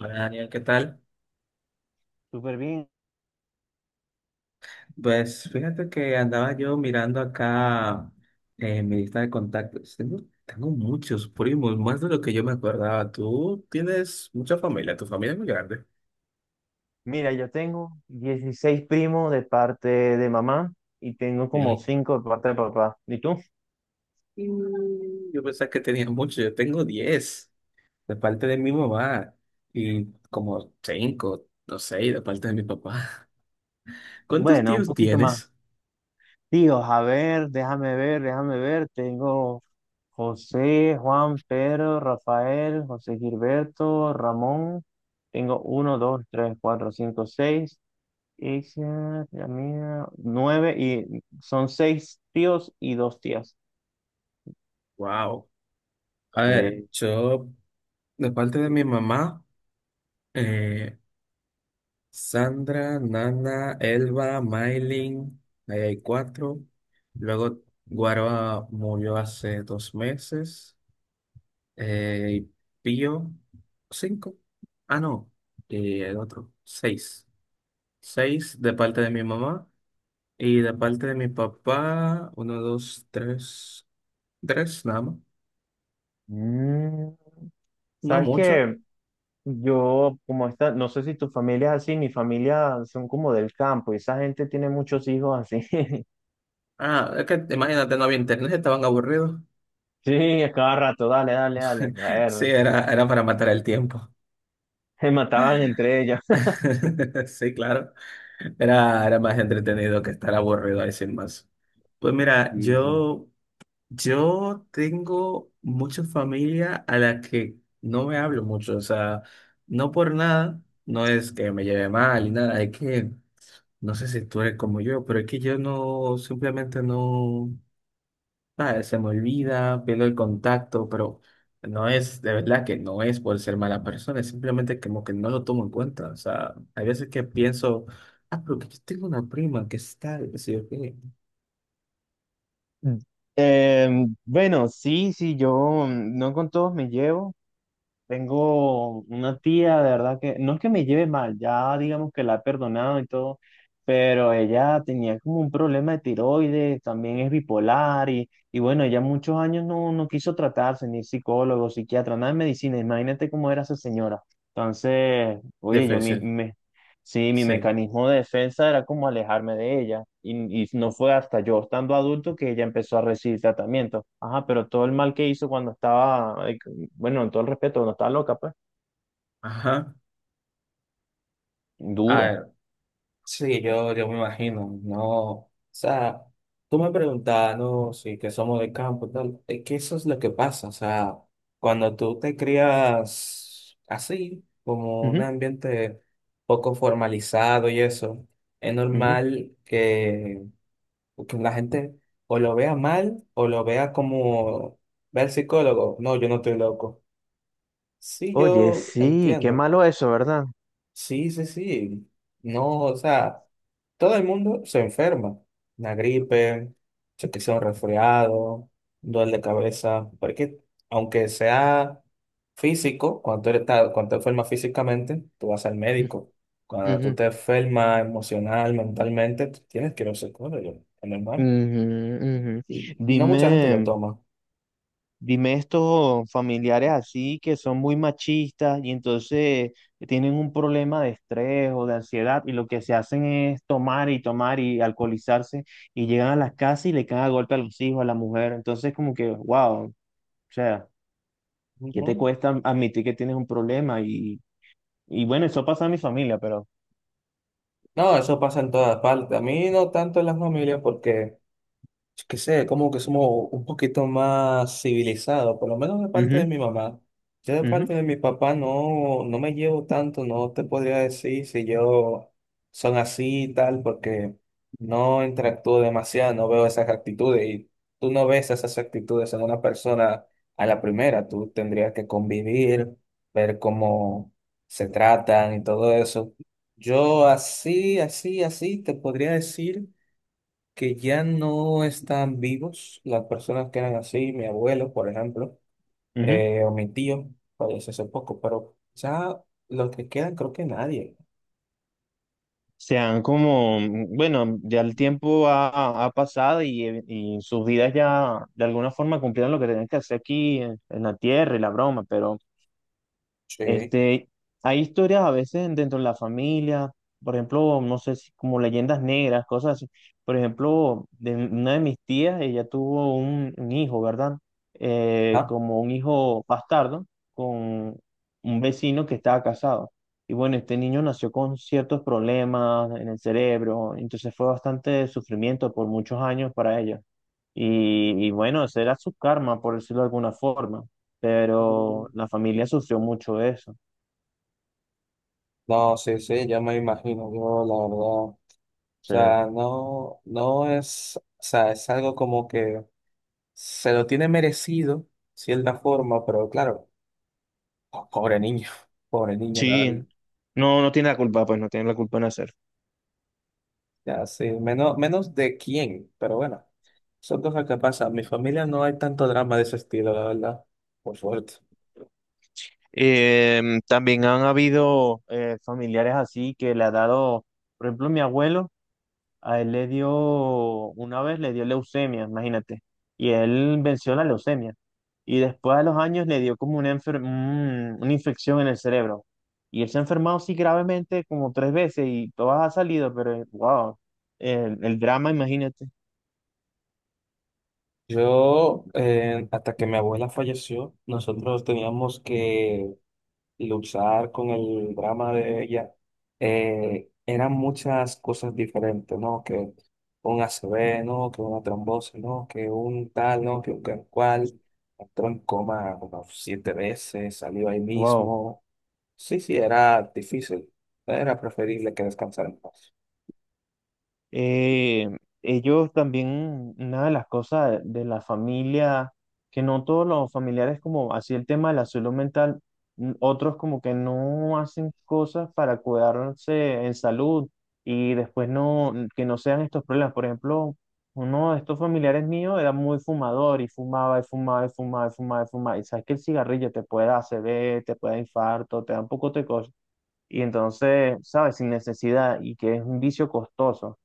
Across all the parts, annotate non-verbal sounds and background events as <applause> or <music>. Hola Daniel, ¿qué tal? Súper bien. Pues fíjate que andaba yo mirando acá en mi lista de contactos. Tengo muchos primos, más de lo que yo me acordaba. Tú tienes mucha familia, tu familia es muy grande. Mira, yo tengo 16 primos de parte de mamá y tengo como Sí. 5 de parte de papá. ¿Y tú? Yo pensaba que tenía mucho, yo tengo 10 de parte de mi mamá y como 5, no seis, de parte de mi papá. <laughs> ¿Cuántos Bueno, un tíos poquito más. tienes? Tíos, a ver, déjame ver, déjame ver. Tengo José, Juan, Pedro, Rafael, José Gilberto, Ramón. Tengo uno, dos, tres, cuatro, cinco, seis. Ella, la mía, nueve y son seis tíos y dos tías. Wow. A ver, Eh, yo de parte de mi mamá. eh, Sandra, Nana, Elba, Maylin, ahí hay cuatro. Luego Guaroa murió hace 2 meses. Eh, Pío, cinco. Ah, no. Y el otro, seis. Seis de parte de mi mamá y de parte de mi papá, uno, dos, tres. Tres, nada más. mm, No ¿Sabes mucho. qué? Yo, como esta, no sé si tu familia es así, mi familia son como del campo y esa gente tiene muchos hijos así. <laughs> Ah, es que imagínate, no había internet, estaban aburridos. <laughs> Sí, a cada rato, dale, dale, dale. Sí, Bueno, era para matar el tiempo. se mataban entre ellos. <laughs> <laughs> Sí, claro. Era más entretenido que estar aburrido ahí sin más. Pues mira, Sí, sí. yo tengo mucha familia a la que no me hablo mucho. O sea, no por nada, no es que me lleve mal ni nada. Es que, no sé si tú eres como yo, pero es que yo no, simplemente no. Ah, se me olvida, pierdo el contacto, pero no es, de verdad que no es por ser mala persona, es simplemente como que no lo tomo en cuenta. O sea, hay veces que pienso, ah, pero que yo tengo una prima que está, qué sé yo qué. Mm. Bueno, sí, sí, yo no con todos me llevo. Tengo una tía, de verdad que no es que me lleve mal, ya digamos que la he perdonado y todo, pero ella tenía como un problema de tiroides, también es bipolar y bueno, ella muchos años no quiso tratarse, ni psicólogo, psiquiatra, nada de medicina, imagínate cómo era esa señora. Entonces, oye, yo me, Difícil, me sí, mi sí. mecanismo de defensa era como alejarme de ella. Y no fue hasta yo estando adulto que ella empezó a recibir tratamiento. Ajá, pero todo el mal que hizo cuando estaba, bueno, en todo el respeto, cuando estaba loca, pues. Ajá. Duro. Ah, sí, yo me imagino, no, o sea, tú me preguntabas, no, sí, que somos de campo y tal, es que eso es lo que pasa, o sea, cuando tú te crías así, como un Ujú, ambiente poco formalizado y eso, es ujú. normal que, la gente o lo vea mal o lo vea como, ve al psicólogo, no, yo no estoy loco. Sí, Oye, yo sí, qué entiendo. malo eso, ¿verdad? Sí, sí, sí. No, o sea, todo el mundo se enferma. Una gripe, se que sea un resfriado, un dolor de cabeza. Porque aunque sea físico, cuando te enfermas físicamente, tú vas al <laughs> médico. Cuando tú Ujú, te enfermas emocional, mentalmente, tú tienes que ir a un psicólogo, es normal. ujú, ujú. Y no mucha gente lo Dime. toma. Dime estos familiares así que son muy machistas y entonces tienen un problema de estrés o de ansiedad y lo que se hacen es tomar y tomar y alcoholizarse y llegan a las casas y le caen a golpe a los hijos, a la mujer. Entonces como que, wow, o sea, ¿qué te Ujú. cuesta admitir que tienes un problema? Y bueno, eso pasa en mi familia, pero... No, eso pasa en todas partes. A mí no tanto en la familia porque... yo qué sé, como que somos un poquito más civilizados, por lo menos de parte de Ujú, mi mamá. Yo de ujú, parte de mi papá no me llevo tanto, no te podría decir si yo son así y tal, porque no interactúo demasiado, no veo esas actitudes y tú no ves esas actitudes en una persona a la primera, tú tendrías que convivir, ver cómo se tratan y todo eso. Yo así, así, así te podría decir que ya no están vivos las personas que eran así, mi abuelo, por ejemplo, ujú. O mi tío, falleció hace poco, pero ya los que quedan creo que nadie. Sean como, mm, bueno, ya el tiempo pasado y sus vidas ya de alguna forma cumplieron lo que tenían que hacer aquí en la tierra y la broma, pero... Sí. Este, hay historias a veces dentro de la familia, por ejemplo, no sé si como leyendas negras, cosas así. Por ejemplo, de una de mis tías, ella tuvo un hijo, ¿verdad? Ajá. Como un hijo bastardo con un vecino que estaba casado. Y bueno, este niño nació con ciertos problemas en el cerebro, entonces fue bastante sufrimiento por muchos años para ella. Y bueno, ese era su karma, por decirlo de alguna forma, pero Mm, la familia sufrió mucho eso. no, sí, sí, ya me imagino, yo la verdad, o Sí, sea, no es, o sea, es algo como que se lo tiene merecido, cierta forma, pero claro, pobre niño, <laughs> pobre niño. sí, no tiene la culpa, pues no tiene la culpa en hacer. Ya, sí, menos, menos de quién, pero bueno, son cosas que pasan. En mi familia no hay tanto drama de ese estilo, la verdad, por suerte. También han habido familiares así que le ha dado, por ejemplo, mi abuelo, a él le dio, una vez le dio leucemia, imagínate, y él venció la leucemia. Y después de los años le dio como una, una infección en el cerebro. Y él se ha enfermado sí gravemente como tres veces y todas ha salido, pero wow, el drama, imagínate, Yo, hasta que mi abuela falleció, nosotros teníamos que luchar con el drama de ella. Eran muchas cosas diferentes, ¿no? Que un ACV, ¿no? Que una trombosis, ¿no? Que un tal, ¿no? Que un tal cual. Entró en coma como siete veces, salió ahí wow. mismo. Sí, sí, era difícil. Era preferible que descansara en paz. Eh, Ellos también, una de las cosas de la familia, que no todos los familiares como así el tema de la salud mental, otros como que no hacen cosas para cuidarse en salud y después no, que no sean estos problemas. Por ejemplo, uno de estos familiares míos era muy fumador y fumaba y fumaba y fumaba y fumaba y fumaba. Y sabes que el cigarrillo te puede dar ACV, te puede dar infarto, te da un poco de cosas. Y entonces, ¿sabes? Sin necesidad y que es un vicio costoso.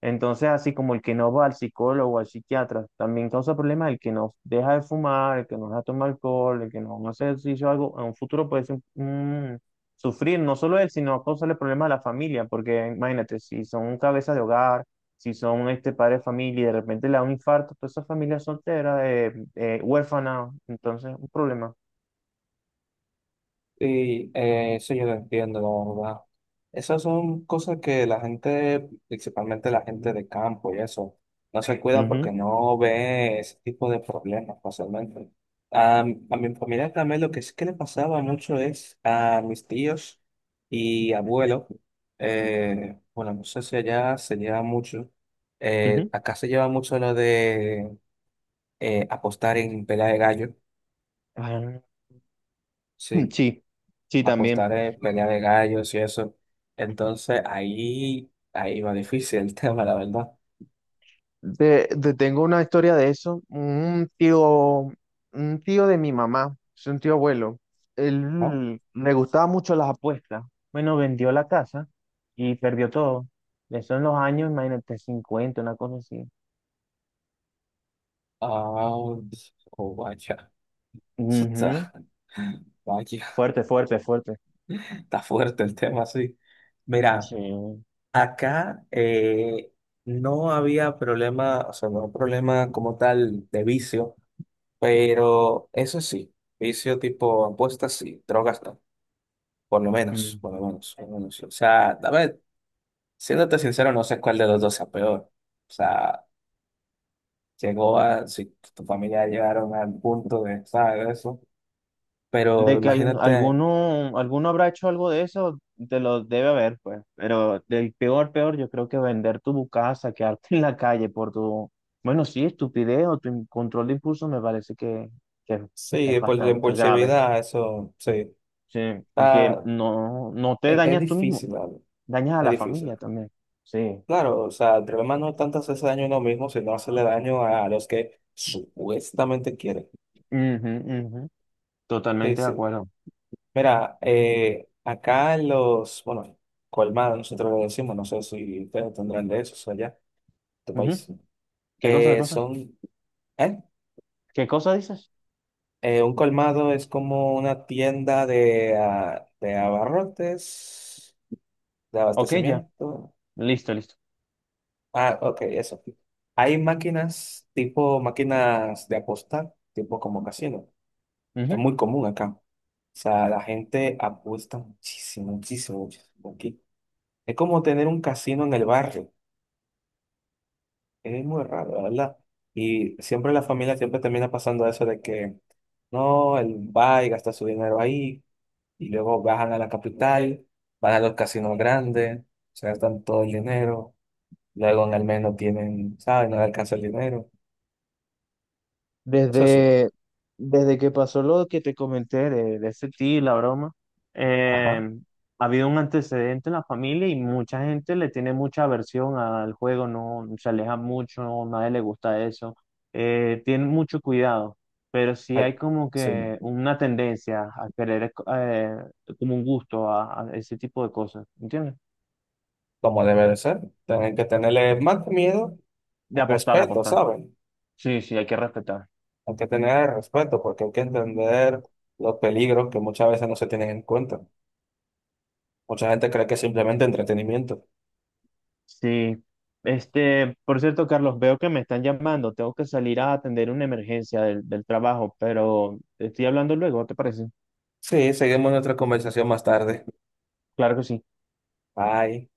Entonces, así como el que no va al psicólogo, o al psiquiatra, también causa problemas, el que no deja de fumar, el que no deja de tomar alcohol, el que no hace ejercicio, algo, en un futuro puede ser sufrir, no solo él, sino causarle problemas a la familia, porque imagínate, si son un cabeza de hogar, si son este padre de familia y de repente le da un infarto, toda esa familia es soltera, huérfana, entonces un problema. Y eso yo lo entiendo, la verdad. Esas son cosas que la gente, principalmente la gente de campo y eso, no se cuida porque Ujú, no ve ese tipo de problemas fácilmente. A mi familia también lo que sí que le pasaba mucho es a mis tíos y abuelo. Bueno, no sé si allá se lleva mucho. Ujú. Acá se lleva mucho lo de apostar en pelea de gallo. Ah, <laughs> Sí. sí, sí, también. Apostar en pelea de gallos y eso. Entonces ahí va difícil el <laughs> tema, la verdad. Te tengo una historia de eso. Un tío de mi mamá, es un tío abuelo. ¿No? Él le gustaba mucho las apuestas. Bueno, vendió la casa y perdió todo. Eso en los años, imagínate, 50 una cosa así. Ah, oh, vaya. Eso Ujú. está, vaya. Fuerte, fuerte, fuerte. <laughs> Está fuerte el tema, sí. Mira, Sí. acá, no había problema, o sea, no había problema como tal de vicio, pero eso sí, vicio tipo apuestas sí, drogas no, por lo menos, por Ujú. lo menos, por lo menos. O sea, a ver, siéndote sincero, no sé cuál de los dos sea peor. O sea, llegó a, si tu familia llegaron al punto de, ¿sabes? Eso. Pero De que imagínate, alguno habrá hecho algo de eso, te lo debe haber, pues. Pero del peor, peor, yo creo que vender tu casa, quedarte en la calle por tu, bueno, sí, estupidez o tu control de impulso me parece que es sí, por la bastante grave. impulsividad, eso, sí. Sí, y que Está- no, no te es dañas tú mismo, difícil, ¿vale? dañas a Es la difícil. familia también. Sí. Claro, o sea, el problema no es tanto hacerse daño a uno mismo, sino hacerle daño a los que supuestamente quieren. Ujú, ujú. Sí, Totalmente de sí. acuerdo. Mira, acá en los, bueno, colmados, nosotros lo decimos, no sé si ustedes tendrán de eso allá, tu país. Ujú. ¿Qué cosa, qué cosa? Son, ¿eh? ¿Qué cosa dices? Un colmado es como una tienda de abarrotes, de Ok, ya. abastecimiento. Listo, listo. Ah, ok, eso. Hay máquinas, tipo máquinas de apostar, tipo como casino. Es Ujú. muy común acá. O sea, la gente apuesta muchísimo, muchísimo, muchísimo aquí. Es como tener un casino en el barrio. Es muy raro, la verdad. Y siempre la familia siempre termina pasando eso de que no, él va y gasta su dinero ahí y luego bajan a la capital, van a los casinos grandes, se gastan todo el dinero, luego en el mes no tienen, ¿sabes? No les alcanza el dinero. Eso sí, Desde, Desde que pasó lo que te comenté de ese tío y la broma, eh, ajá, ha habido un antecedente en la familia y mucha gente le tiene mucha aversión al juego, no se aleja mucho, no, nadie le gusta eso, tienen mucho cuidado, pero sí hay hay, como sí, que una tendencia a querer, como un gusto a ese tipo de cosas, ¿entiendes? como debe de ser. Tienen que tenerle más que miedo, De apostar, de respeto, apostar. ¿saben? Sí, sí, hay que respetar. Hay que tener respeto porque hay que entender los peligros que muchas veces no se tienen en cuenta. Mucha gente cree que es simplemente entretenimiento. Sí. Este, por cierto, Carlos, veo que me están llamando. Tengo que salir a atender una emergencia del trabajo, pero estoy hablando luego, ¿te parece? Sí, seguimos nuestra conversación más tarde. Claro que sí. Bye.